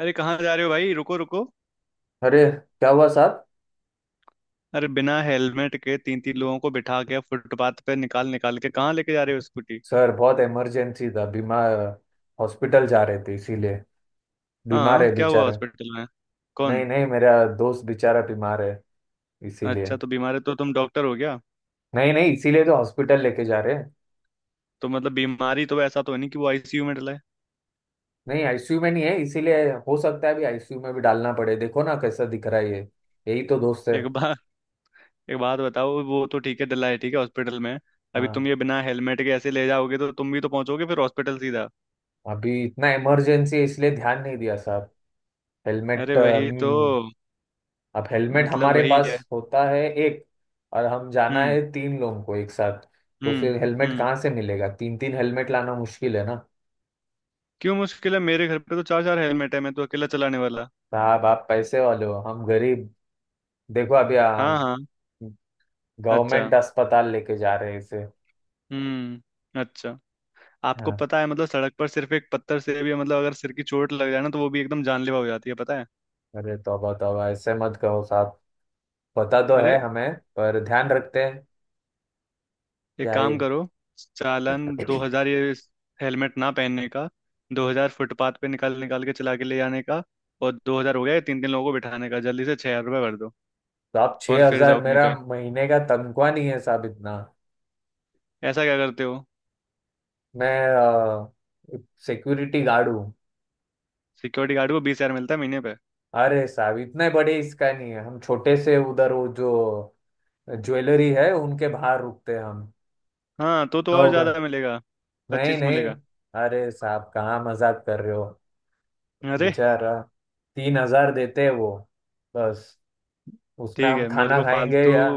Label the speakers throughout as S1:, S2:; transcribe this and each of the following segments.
S1: अरे कहाँ जा रहे हो भाई? रुको रुको।
S2: अरे क्या हुआ साहब।
S1: अरे बिना हेलमेट के तीन तीन लोगों को बिठा के फुटपाथ पे निकाल निकाल के कहाँ लेके जा रहे हो स्कूटी?
S2: सर बहुत इमरजेंसी था। बीमार हॉस्पिटल जा रहे थे इसीलिए। बीमार
S1: हाँ,
S2: है
S1: क्या हुआ
S2: बेचारा।
S1: हॉस्पिटल में?
S2: नहीं
S1: कौन?
S2: नहीं मेरा दोस्त बेचारा बीमार है इसीलिए।
S1: अच्छा, तो बीमार है तो तुम डॉक्टर हो गया?
S2: नहीं नहीं इसीलिए तो हॉस्पिटल लेके जा रहे हैं।
S1: तो मतलब बीमारी तो ऐसा तो नहीं कि वो आईसीयू में डला है।
S2: नहीं आईसीयू में नहीं है इसीलिए। हो सकता है अभी आईसीयू में भी डालना पड़े। देखो ना कैसा दिख रहा है ये। यही तो दोस्त है।
S1: एक बार एक बात बताओ, वो तो ठीक है, डला है ठीक है हॉस्पिटल में। अभी तुम
S2: हाँ।
S1: ये बिना हेलमेट के ऐसे ले जाओगे तो तुम भी तो पहुंचोगे फिर हॉस्पिटल सीधा।
S2: अभी इतना इमरजेंसी है इसलिए ध्यान नहीं दिया साहब।
S1: अरे
S2: हेलमेट
S1: वही तो।
S2: अब हेलमेट
S1: मतलब
S2: हमारे
S1: वही
S2: पास
S1: है।
S2: होता है एक। और हम जाना
S1: हम्म।
S2: है तीन लोगों को एक साथ। तो फिर
S1: हम्म।
S2: हेलमेट
S1: हम्म।
S2: कहाँ से मिलेगा। तीन तीन हेलमेट लाना मुश्किल है ना।
S1: क्यों मुश्किल है? मेरे घर पे तो चार चार हेलमेट है, मैं तो अकेला चलाने वाला।
S2: साहब आप पैसे वाले हो, हम गरीब। देखो अभी
S1: हाँ हाँ। अच्छा।
S2: गवर्नमेंट अस्पताल लेके जा रहे हैं इसे।
S1: हम्म, अच्छा। आपको
S2: हाँ,
S1: पता है मतलब सड़क पर सिर्फ एक पत्थर से भी मतलब अगर सिर की चोट लग जाए ना, तो वो भी एकदम जानलेवा हो जाती है, पता है?
S2: अरे तौबा तौबा ऐसे मत कहो साहब। पता तो
S1: अरे,
S2: है हमें, पर ध्यान रखते हैं।
S1: एक
S2: क्या ही।
S1: काम करो। चालान 2,000 ये हेलमेट ना पहनने का। 2,000 फुटपाथ पे निकाल निकाल के चला के ले जाने का। और 2,000 हो गया तीन तीन लोगों को बिठाने का। जल्दी से 6,000 रुपये भर दो
S2: तो आप
S1: और
S2: छह
S1: फिर
S2: हजार
S1: जाओ अपनी
S2: मेरा
S1: पे।
S2: महीने का तनख्वाह नहीं है साहब इतना।
S1: ऐसा क्या करते हो?
S2: मैं सिक्योरिटी गार्ड हूँ।
S1: सिक्योरिटी गार्ड को 20,000 मिलता है महीने पे।
S2: अरे साहब इतने बड़े इसका नहीं है, हम छोटे से उधर वो जो ज्वेलरी है उनके बाहर रुकते हैं हम।
S1: हाँ तो और
S2: 9 घंटे।
S1: ज्यादा मिलेगा।
S2: नहीं
S1: 25
S2: नहीं।
S1: मिलेगा।
S2: अरे साहब कहाँ मजाक कर रहे हो।
S1: अरे
S2: बेचारा। 3,000 देते हैं वो, बस। उसमें
S1: ठीक
S2: हम
S1: है, मेरे
S2: खाना
S1: को
S2: खाएंगे
S1: फालतू।
S2: या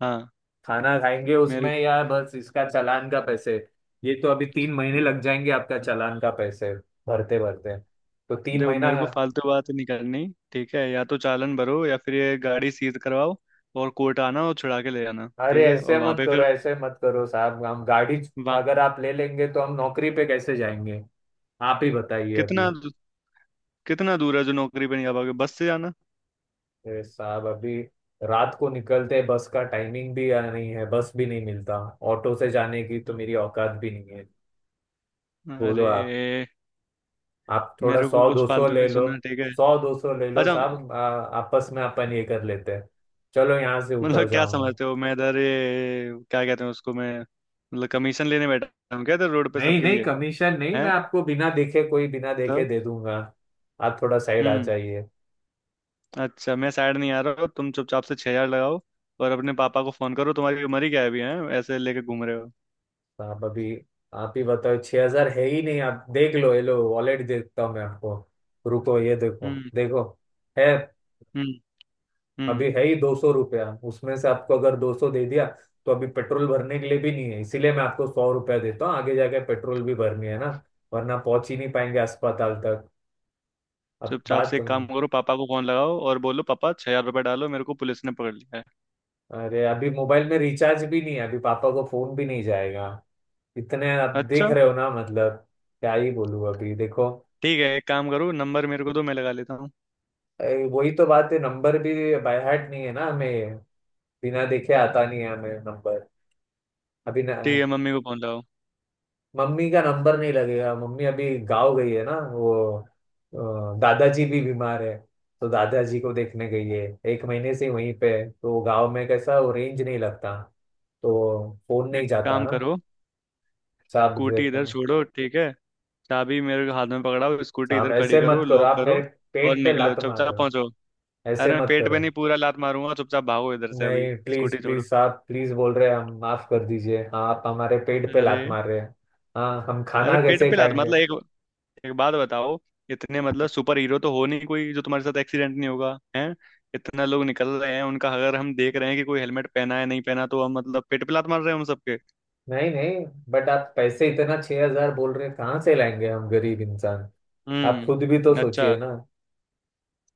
S1: हाँ।
S2: खाना खाएंगे
S1: मेरे
S2: उसमें या बस इसका चालान का पैसे। ये तो अभी 3 महीने लग जाएंगे आपका चालान का पैसे भरते भरते। तो तीन
S1: देखो
S2: महीना
S1: मेरे को फालतू बात नहीं करनी। ठीक है, या तो चालान भरो या फिर ये गाड़ी सीज करवाओ और कोर्ट आना और छुड़ा के ले जाना,
S2: अरे
S1: ठीक है।
S2: ऐसे
S1: और वहां
S2: मत
S1: पे
S2: करो,
S1: फिर,
S2: ऐसे मत करो साहब। हम गाड़ी
S1: वहां
S2: अगर आप ले लेंगे तो हम नौकरी पे कैसे जाएंगे। आप ही बताइए
S1: कितना,
S2: अभी।
S1: कितना दूर है जो नौकरी पे नहीं आ पाओगे बस से जाना?
S2: अरे साहब अभी रात को निकलते हैं, बस का टाइमिंग भी नहीं है, बस भी नहीं मिलता। ऑटो से जाने की तो मेरी औकात भी नहीं है। बोलो आप।
S1: अरे,
S2: आप थोड़ा
S1: मेरे
S2: सौ
S1: को कुछ
S2: दो सौ
S1: फालतू
S2: ले
S1: नहीं
S2: लो।
S1: सुनना ठीक है।
S2: 100 200 ले लो
S1: अच्छा,
S2: साहब। आपस में अपन ये कर लेते हैं। चलो यहाँ से उतर
S1: मतलब क्या
S2: जाऊंगा।
S1: समझते हो? मैं इधर ये क्या कहते हैं उसको, मैं मतलब कमीशन लेने बैठा हूँ क्या इधर रोड पे
S2: नहीं
S1: सबके
S2: नहीं
S1: लिए?
S2: कमीशन नहीं।
S1: है
S2: मैं आपको बिना देखे कोई बिना देखे
S1: तो।
S2: दे दूंगा। आप थोड़ा साइड आ
S1: हम्म,
S2: जाइए।
S1: अच्छा। मैं साइड नहीं आ रहा हूँ, तुम चुपचाप से 6,000 लगाओ और अपने पापा को फोन करो। तुम्हारी उम्र ही क्या है अभी? है ऐसे लेके घूम रहे हो।
S2: तो आप अभी आप ही बताओ 6,000 है ही नहीं। आप देख लो, ये लो वॉलेट देता हूँ मैं आपको। रुको ये देखो
S1: हम्म।
S2: देखो है।
S1: हम्म। हम्म।
S2: अभी है ही 200 रुपया। उसमें से आपको अगर 200 दे दिया तो अभी पेट्रोल भरने के लिए भी नहीं है। इसीलिए मैं आपको 100 रुपया देता हूँ। आगे जाके पेट्रोल भी भरनी है ना, वरना पहुंच ही नहीं पाएंगे अस्पताल तक। अब
S1: चुपचाप
S2: बात
S1: से एक काम करो, पापा को फोन लगाओ और बोलो पापा, 6,000 रुपये डालो, मेरे को पुलिस ने पकड़ लिया है।
S2: अरे अभी मोबाइल में रिचार्ज भी नहीं है, अभी पापा को फोन भी नहीं जाएगा। इतने आप देख
S1: अच्छा।
S2: रहे हो ना मतलब। क्या ही बोलूं अभी देखो।
S1: ठीक है, एक काम करो, नंबर मेरे को दो, मैं लगा लेता हूँ।
S2: वही तो बात है नंबर भी बाय हार्ट नहीं है ना हमें। बिना देखे आता नहीं है हमें नंबर अभी
S1: ठीक
S2: न,
S1: है, मम्मी को फोन लगाओ।
S2: मम्मी का नंबर नहीं लगेगा। मम्मी अभी गाँव गई है ना वो। दादाजी भी बीमार है तो दादाजी को देखने गई है। 1 महीने से वहीं पे है। तो गाँव में कैसा वो रेंज नहीं लगता, तो फोन
S1: एक
S2: नहीं जाता
S1: काम
S2: ना।
S1: करो,
S2: साहब
S1: स्कूटी
S2: देखो।
S1: इधर छोड़ो, ठीक है, चाबी मेरे हाथ में पकड़ाओ, स्कूटी इधर
S2: साहब
S1: खड़ी
S2: ऐसे
S1: करो,
S2: मत करो।
S1: लॉक
S2: आप
S1: करो
S2: मेरे
S1: और
S2: पेट पे
S1: निकलो
S2: लात मार
S1: चुपचाप
S2: रहे हो।
S1: पहुंचो।
S2: ऐसे
S1: अरे, मैं
S2: मत
S1: पेट पे
S2: करो।
S1: नहीं पूरा लात मारूंगा, चुपचाप भागो इधर से अभी।
S2: नहीं प्लीज
S1: स्कूटी छोड़ो।
S2: प्लीज। आप प्लीज बोल रहे हैं, हम माफ कर दीजिए। हाँ, आप हमारे पेट पे
S1: अरे।
S2: लात मार रहे हैं। हाँ हम
S1: अरे
S2: खाना
S1: पेट
S2: कैसे
S1: पे लात
S2: खाएंगे।
S1: मतलब एक एक बात बताओ। इतने मतलब सुपर हीरो तो हो नहीं कोई, जो तुम्हारे साथ एक्सीडेंट नहीं होगा, हैं? इतना लोग निकल रहे हैं उनका, अगर हम देख रहे हैं कि कोई हेलमेट पहना है नहीं पहना, तो हम मतलब पेट पे लात मार रहे हैं हम सबके?
S2: नहीं नहीं, बट आप पैसे इतना 6,000 बोल रहे हैं, कहाँ से लाएंगे हम गरीब इंसान। आप खुद भी तो
S1: हम्म,
S2: सोचिए
S1: अच्छा।
S2: ना।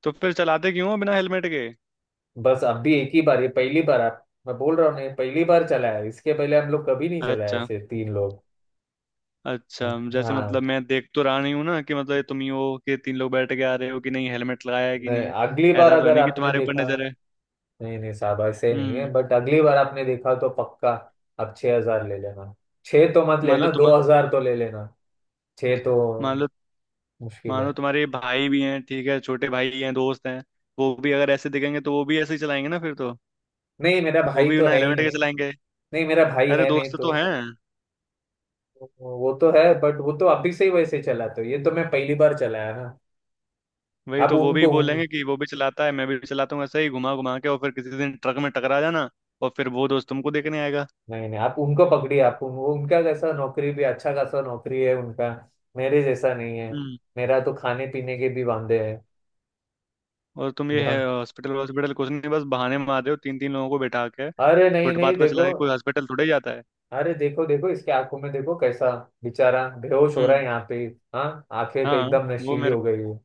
S1: तो फिर चलाते क्यों हो बिना हेलमेट के?
S2: बस अब भी एक ही बार ये पहली बार। आप, मैं बोल रहा हूँ नहीं, पहली बार चला है। इसके पहले हम लोग कभी नहीं चलाया
S1: अच्छा,
S2: ऐसे तीन लोग।
S1: अच्छा जैसे मतलब
S2: हाँ,
S1: मैं देख तो रहा नहीं हूँ ना कि मतलब ये तुम ही हो कि तीन लोग बैठ के आ रहे हो कि नहीं, हेलमेट लगाया है कि
S2: नहीं
S1: नहीं?
S2: अगली बार
S1: ऐसा तो है
S2: अगर
S1: नहीं कि
S2: आपने
S1: तुम्हारे ऊपर
S2: देखा।
S1: नजर है।
S2: नहीं नहीं साहब ऐसे नहीं है,
S1: हम्म।
S2: बट अगली बार आपने देखा तो पक्का आप 6,000 ले लेना। छह तो मत
S1: मान लो
S2: लेना,
S1: तुम,
S2: 2,000 तो ले लेना। छह तो
S1: मान लो,
S2: मुश्किल है।
S1: मानो तुम्हारे भाई भी हैं ठीक है, छोटे भाई हैं, दोस्त हैं। वो भी अगर ऐसे दिखेंगे तो वो भी ऐसे ही चलाएंगे ना फिर तो।
S2: नहीं मेरा
S1: वो
S2: भाई
S1: भी
S2: तो
S1: बिना
S2: है ही
S1: हेलमेट के
S2: नहीं।
S1: चलाएंगे।
S2: नहीं मेरा भाई
S1: अरे
S2: है नहीं
S1: दोस्त तो
S2: तो।
S1: हैं।
S2: वो तो है, बट वो तो अभी से ही वैसे चलाते हो। ये तो मैं पहली बार चलाया ना।
S1: वही
S2: आप
S1: तो, वो भी
S2: उनको उन,
S1: बोलेंगे कि वो भी चलाता है, मैं भी चलाता हूँ ऐसे ही घुमा घुमा के, और फिर किसी दिन ट्रक में टकरा जाना। और फिर वो दोस्त तुमको देखने आएगा।
S2: नहीं नहीं आप उनको पकड़िए। वो उनका कैसा नौकरी भी, अच्छा खासा नौकरी है उनका। मेरे जैसा नहीं है।
S1: हम्म।
S2: मेरा तो खाने पीने के भी वांदे हैं।
S1: और तुम ये
S2: ढंग
S1: है हॉस्पिटल हॉस्पिटल कुछ नहीं, बस बहाने मार रहे हो, तीन तीन लोगों को बैठा के
S2: अरे नहीं
S1: फुटपाथ
S2: नहीं
S1: पे
S2: देखो।
S1: चला के कोई हॉस्पिटल थोड़े जाता है।
S2: अरे देखो देखो इसके आंखों में देखो कैसा बेचारा बेहोश हो रहा
S1: हम्म।
S2: है यहाँ पे। हाँ आंखें तो
S1: हाँ।
S2: एकदम
S1: वो
S2: नशीली
S1: मेरे
S2: हो गई है।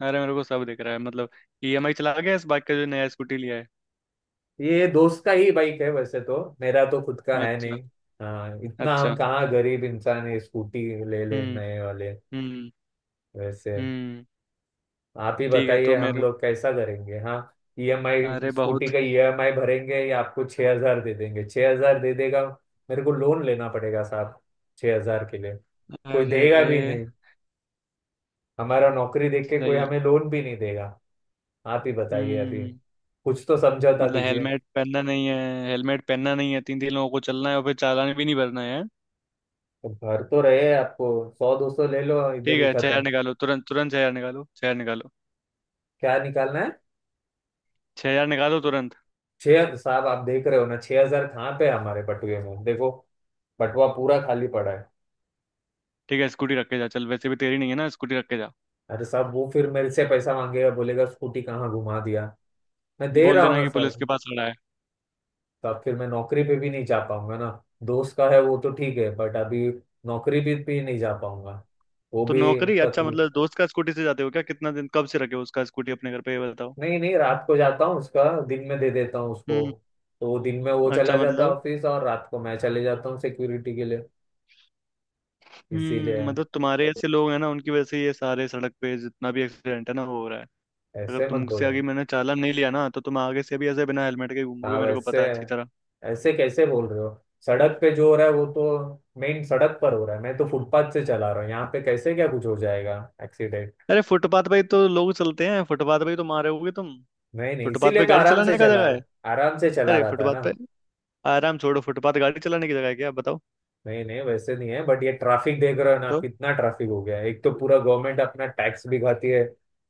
S1: अरे मेरे को सब दिख रहा है, मतलब। ईएमआई चला गया इस बाइक का, जो नया स्कूटी लिया है।
S2: ये दोस्त का ही बाइक है, वैसे तो मेरा तो खुद का है
S1: अच्छा।
S2: नहीं। हाँ इतना हम
S1: अच्छा।
S2: कहाँ गरीब इंसान है, स्कूटी ले ले
S1: हम्म।
S2: नए वाले।
S1: हम्म।
S2: वैसे
S1: हम्म।
S2: आप ही
S1: ठीक है,
S2: बताइए
S1: तो
S2: हम
S1: मेरे
S2: लोग कैसा करेंगे हाँ। ईएमआई,
S1: अरे
S2: स्कूटी
S1: बहुत।
S2: का ईएमआई भरेंगे या आपको 6,000 दे देंगे 6,000 दे देगा। मेरे को लोन लेना पड़ेगा साहब 6,000 के लिए। कोई
S1: अरे
S2: देगा भी नहीं। हमारा नौकरी देख के कोई
S1: सही।
S2: हमें लोन भी नहीं देगा। आप ही बताइए अभी।
S1: हम्म।
S2: कुछ तो समझौता
S1: मतलब
S2: कीजिए।
S1: हेलमेट पहनना नहीं है। हेलमेट पहनना नहीं है, तीन तीन लोगों को चलना है, और फिर चालान भी नहीं भरना है।
S2: तो भर तो रहे आपको। 100 200 ले लो, इधर
S1: ठीक
S2: ही
S1: है, 6,000
S2: खत्म।
S1: निकालो तुरंत, तुरंत 6,000 निकालो, 6,000 निकालो,
S2: क्या निकालना है।
S1: छह हजार निकालो तुरंत।
S2: छह साहब, आप देख रहे हो ना 6,000 कहाँ पे है हमारे बटुए में। देखो, बटुआ पूरा खाली पड़ा है।
S1: ठीक है, स्कूटी रख के जा, चल वैसे भी तेरी नहीं है ना, स्कूटी रख के जा।
S2: अरे साहब वो फिर मेरे से पैसा मांगेगा, बोलेगा स्कूटी कहाँ घुमा दिया। मैं दे
S1: बोल
S2: रहा हूँ
S1: देना
S2: ना
S1: कि
S2: सर।
S1: पुलिस के पास खड़ा है।
S2: तो अब फिर मैं नौकरी पे भी नहीं जा पाऊंगा ना। दोस्त का है वो तो ठीक है बट अभी नौकरी पे भी नहीं जा पाऊंगा वो
S1: तो
S2: भी।
S1: नौकरी अच्छा
S2: तकलीफ
S1: मतलब दोस्त का स्कूटी से जाते हो क्या? कितना दिन, कब से रखे हो उसका स्कूटी अपने घर पे, ये बताओ।
S2: नहीं नहीं, रात को जाता हूँ उसका, दिन में दे देता हूँ उसको।
S1: हम्म,
S2: तो वो दिन में वो चला
S1: अच्छा,
S2: जाता है
S1: मतलब।
S2: ऑफिस और रात को मैं चले जाता हूँ सिक्योरिटी के लिए। इसीलिए
S1: हम्म, मतलब तुम्हारे ऐसे लोग हैं ना, उनकी वजह से ये सारे सड़क पे जितना भी एक्सीडेंट है ना, वो हो रहा है। अगर
S2: ऐसे मत
S1: तुमसे
S2: बोलो।
S1: आगे मैंने चालान नहीं लिया ना, तो तुम आगे से भी ऐसे बिना हेलमेट के
S2: हाँ
S1: घूमोगे, मेरे को
S2: वैसे
S1: पता है अच्छी तरह।
S2: ऐसे कैसे बोल रहे हो। सड़क पे जो हो रहा है वो तो मेन सड़क पर हो रहा है। मैं तो फुटपाथ से चला रहा हूँ, यहाँ पे कैसे क्या कुछ हो जाएगा एक्सीडेंट।
S1: अरे फुटपाथ पे ही तो लोग चलते हैं, फुटपाथ पे ही तो मारे होगे तुम।
S2: नहीं नहीं
S1: फुटपाथ
S2: इसीलिए
S1: पे
S2: तो
S1: गाड़ी
S2: आराम से
S1: चलाने का
S2: चला
S1: जगह है?
S2: है। आराम से चला
S1: अरे
S2: रहा था
S1: फुटपाथ
S2: ना।
S1: पे आराम छोड़ो, फुटपाथ गाड़ी चलाने की जगह है क्या, बताओ?
S2: नहीं नहीं वैसे नहीं है, बट ये ट्रैफिक देख रहे हो ना
S1: तो
S2: कितना ट्रैफिक हो गया है। एक तो पूरा गवर्नमेंट अपना टैक्स भी खाती है,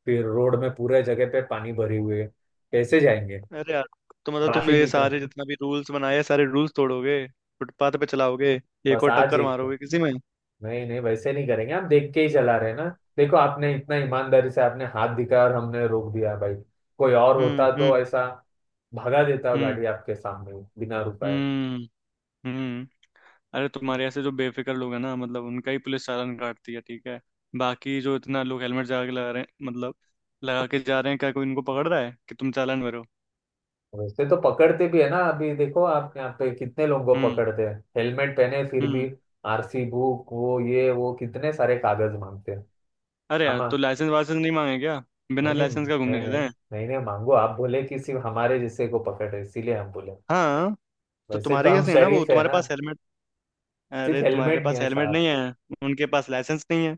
S2: फिर रोड में पूरे जगह पे पानी भरे हुए है, कैसे जाएंगे।
S1: अरे यार, तो मतलब तुम
S2: ट्रैफिक
S1: ये
S2: ही tra-
S1: सारे जितना भी रूल्स बनाए हैं, सारे रूल्स तोड़ोगे? फुटपाथ पे चलाओगे? एक
S2: बस
S1: और
S2: आज
S1: टक्कर
S2: एक तो।
S1: मारोगे किसी में?
S2: नहीं नहीं वैसे नहीं करेंगे, हम देख के ही चला रहे हैं ना। देखो आपने इतना ईमानदारी से आपने हाथ दिखाया और हमने रोक दिया भाई। कोई और
S1: हम्म।
S2: होता तो
S1: हम्म।
S2: ऐसा भगा देता
S1: हम्म।
S2: गाड़ी आपके सामने बिना रुकाए।
S1: हम्म। हम्म। अरे तुम्हारे ऐसे जो बेफिक्र लोग हैं ना, मतलब उनका ही पुलिस चालान काटती है, ठीक है। बाकी जो इतना लोग हेलमेट लगा के लगा रहे हैं मतलब लगा के जा रहे हैं, क्या कोई इनको पकड़ रहा है कि तुम चालान भरो?
S2: वैसे तो पकड़ते भी है ना। अभी देखो आप यहाँ पे कितने लोगों को
S1: हम्म।
S2: पकड़ते हैं हेलमेट पहने फिर भी।
S1: हम्म।
S2: आरसी बुक, वो ये वो कितने सारे कागज मांगते हैं
S1: अरे यार
S2: हम।
S1: तो लाइसेंस वाइसेंस नहीं मांगे क्या? बिना
S2: नहीं नहीं
S1: लाइसेंस का घूमने
S2: नहीं
S1: देते
S2: नहीं,
S1: हैं?
S2: नहीं नहीं मांगो। आप बोले कि सिर्फ हमारे जैसे को पकड़े इसीलिए हम बोले।
S1: हाँ, तो
S2: वैसे तो
S1: तुम्हारे
S2: हम
S1: कैसे है ना वो,
S2: शरीफ है
S1: तुम्हारे
S2: ना।
S1: पास हेलमेट।
S2: सिर्फ
S1: अरे तुम्हारे
S2: हेलमेट नहीं
S1: पास
S2: है
S1: हेलमेट
S2: साहब।
S1: नहीं है, उनके पास लाइसेंस नहीं है।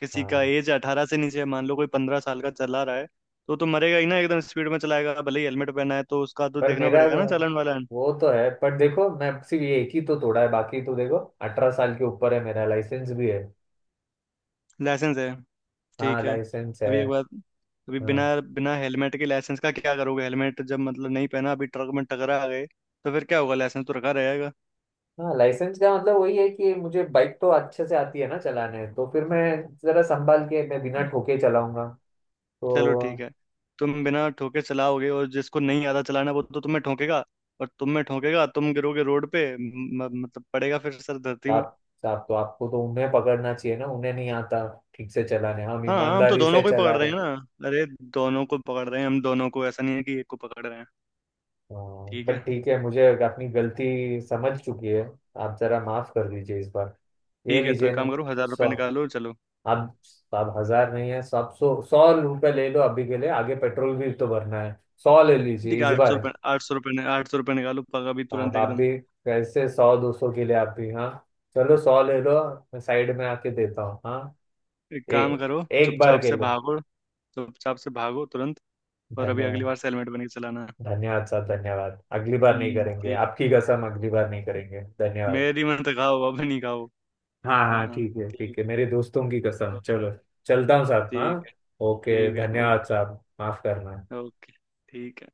S1: किसी का
S2: हाँ
S1: एज 18 से नीचे है, मान लो कोई 15 साल का चला रहा है, तो मरेगा ही ना, एकदम स्पीड में चलाएगा, भले ही हेलमेट पहना है, तो उसका तो
S2: पर
S1: देखना
S2: मेरा
S1: पड़ेगा ना चालान वाला है।
S2: वो तो है, पर देखो मैं सिर्फ ये एक ही तो तोड़ा है। बाकी तो देखो 18 साल के ऊपर है, मेरा लाइसेंस भी है।
S1: लाइसेंस है?
S2: हाँ
S1: ठीक है।
S2: लाइसेंस है।
S1: अभी एक बात। अभी बिना
S2: हाँ
S1: बिना हेलमेट के लाइसेंस का क्या करोगे? हेलमेट जब मतलब नहीं पहना, अभी ट्रक में टकरा गए तो फिर क्या होगा? लाइसेंस तो रखा रहेगा।
S2: हाँ लाइसेंस का मतलब वही है कि मुझे बाइक तो अच्छे से आती है ना चलाने। तो फिर मैं जरा संभाल के, मैं बिना ठोके चलाऊंगा। तो
S1: चलो ठीक है। तुम बिना ठोके चलाओगे, और जिसको नहीं आता चलाना वो तो तुम्हें ठोकेगा, और तुम्हें ठोकेगा, तुम गिरोगे रोड पे, मतलब पड़ेगा फिर सर धरती में।
S2: आप साहब तो आपको तो उन्हें पकड़ना चाहिए ना। उन्हें नहीं आता ठीक से चलाने, हम
S1: हाँ, हम तो
S2: ईमानदारी से
S1: दोनों को ही
S2: चला
S1: पकड़ रहे
S2: रहे
S1: हैं
S2: हैं।
S1: ना। अरे दोनों को पकड़ रहे हैं हम, दोनों को, ऐसा नहीं है कि एक को पकड़ रहे हैं।
S2: हाँ,
S1: ठीक
S2: बट
S1: है।
S2: ठीक है मुझे अपनी गलती समझ चुकी है। आप जरा माफ कर दीजिए इस बार। ये
S1: ठीक है, तो
S2: लीजिए
S1: एक काम
S2: ना।
S1: करो, हजार
S2: सौ।
S1: रुपये निकालो चलो।
S2: आप आप हजार नहीं है, सब सौ सौ रुपये ले लो अभी के लिए। आगे पेट्रोल भी तो भरना है। सौ ले लीजिए
S1: ठीक है,
S2: इस
S1: आठ सौ
S2: बार।
S1: रुपये 800 रुपये, 800 रुपये निकालो, पगा भी तुरंत
S2: आप
S1: एकदम।
S2: भी कैसे 100 200 के लिए आप भी। हाँ चलो सौ ले लो। मैं साइड में आके देता हूँ हाँ।
S1: एक
S2: ए,
S1: काम करो,
S2: एक बार
S1: चुपचाप
S2: के
S1: से
S2: लिए।
S1: भागो। चुपचाप से भागो तुरंत। और अभी अगली
S2: धन्यवाद।
S1: बार से हेलमेट बन के चलाना।
S2: धन्यवाद साहब धन्यवाद। अगली बार नहीं
S1: हम्म,
S2: करेंगे
S1: ठीक।
S2: आपकी कसम। अगली बार नहीं करेंगे। धन्यवाद।
S1: मेरी मत खाओ, अब नहीं खाओ।
S2: हाँ
S1: हाँ
S2: हाँ
S1: हाँ,
S2: ठीक है ठीक
S1: ठीक।
S2: है, मेरे दोस्तों की कसम
S1: ओके।
S2: चलो। चलता हूँ साहब हाँ।
S1: ठीक है।
S2: ओके
S1: ठीक है।
S2: धन्यवाद
S1: ओके।
S2: साहब। माफ करना।
S1: ओके। ठीक है।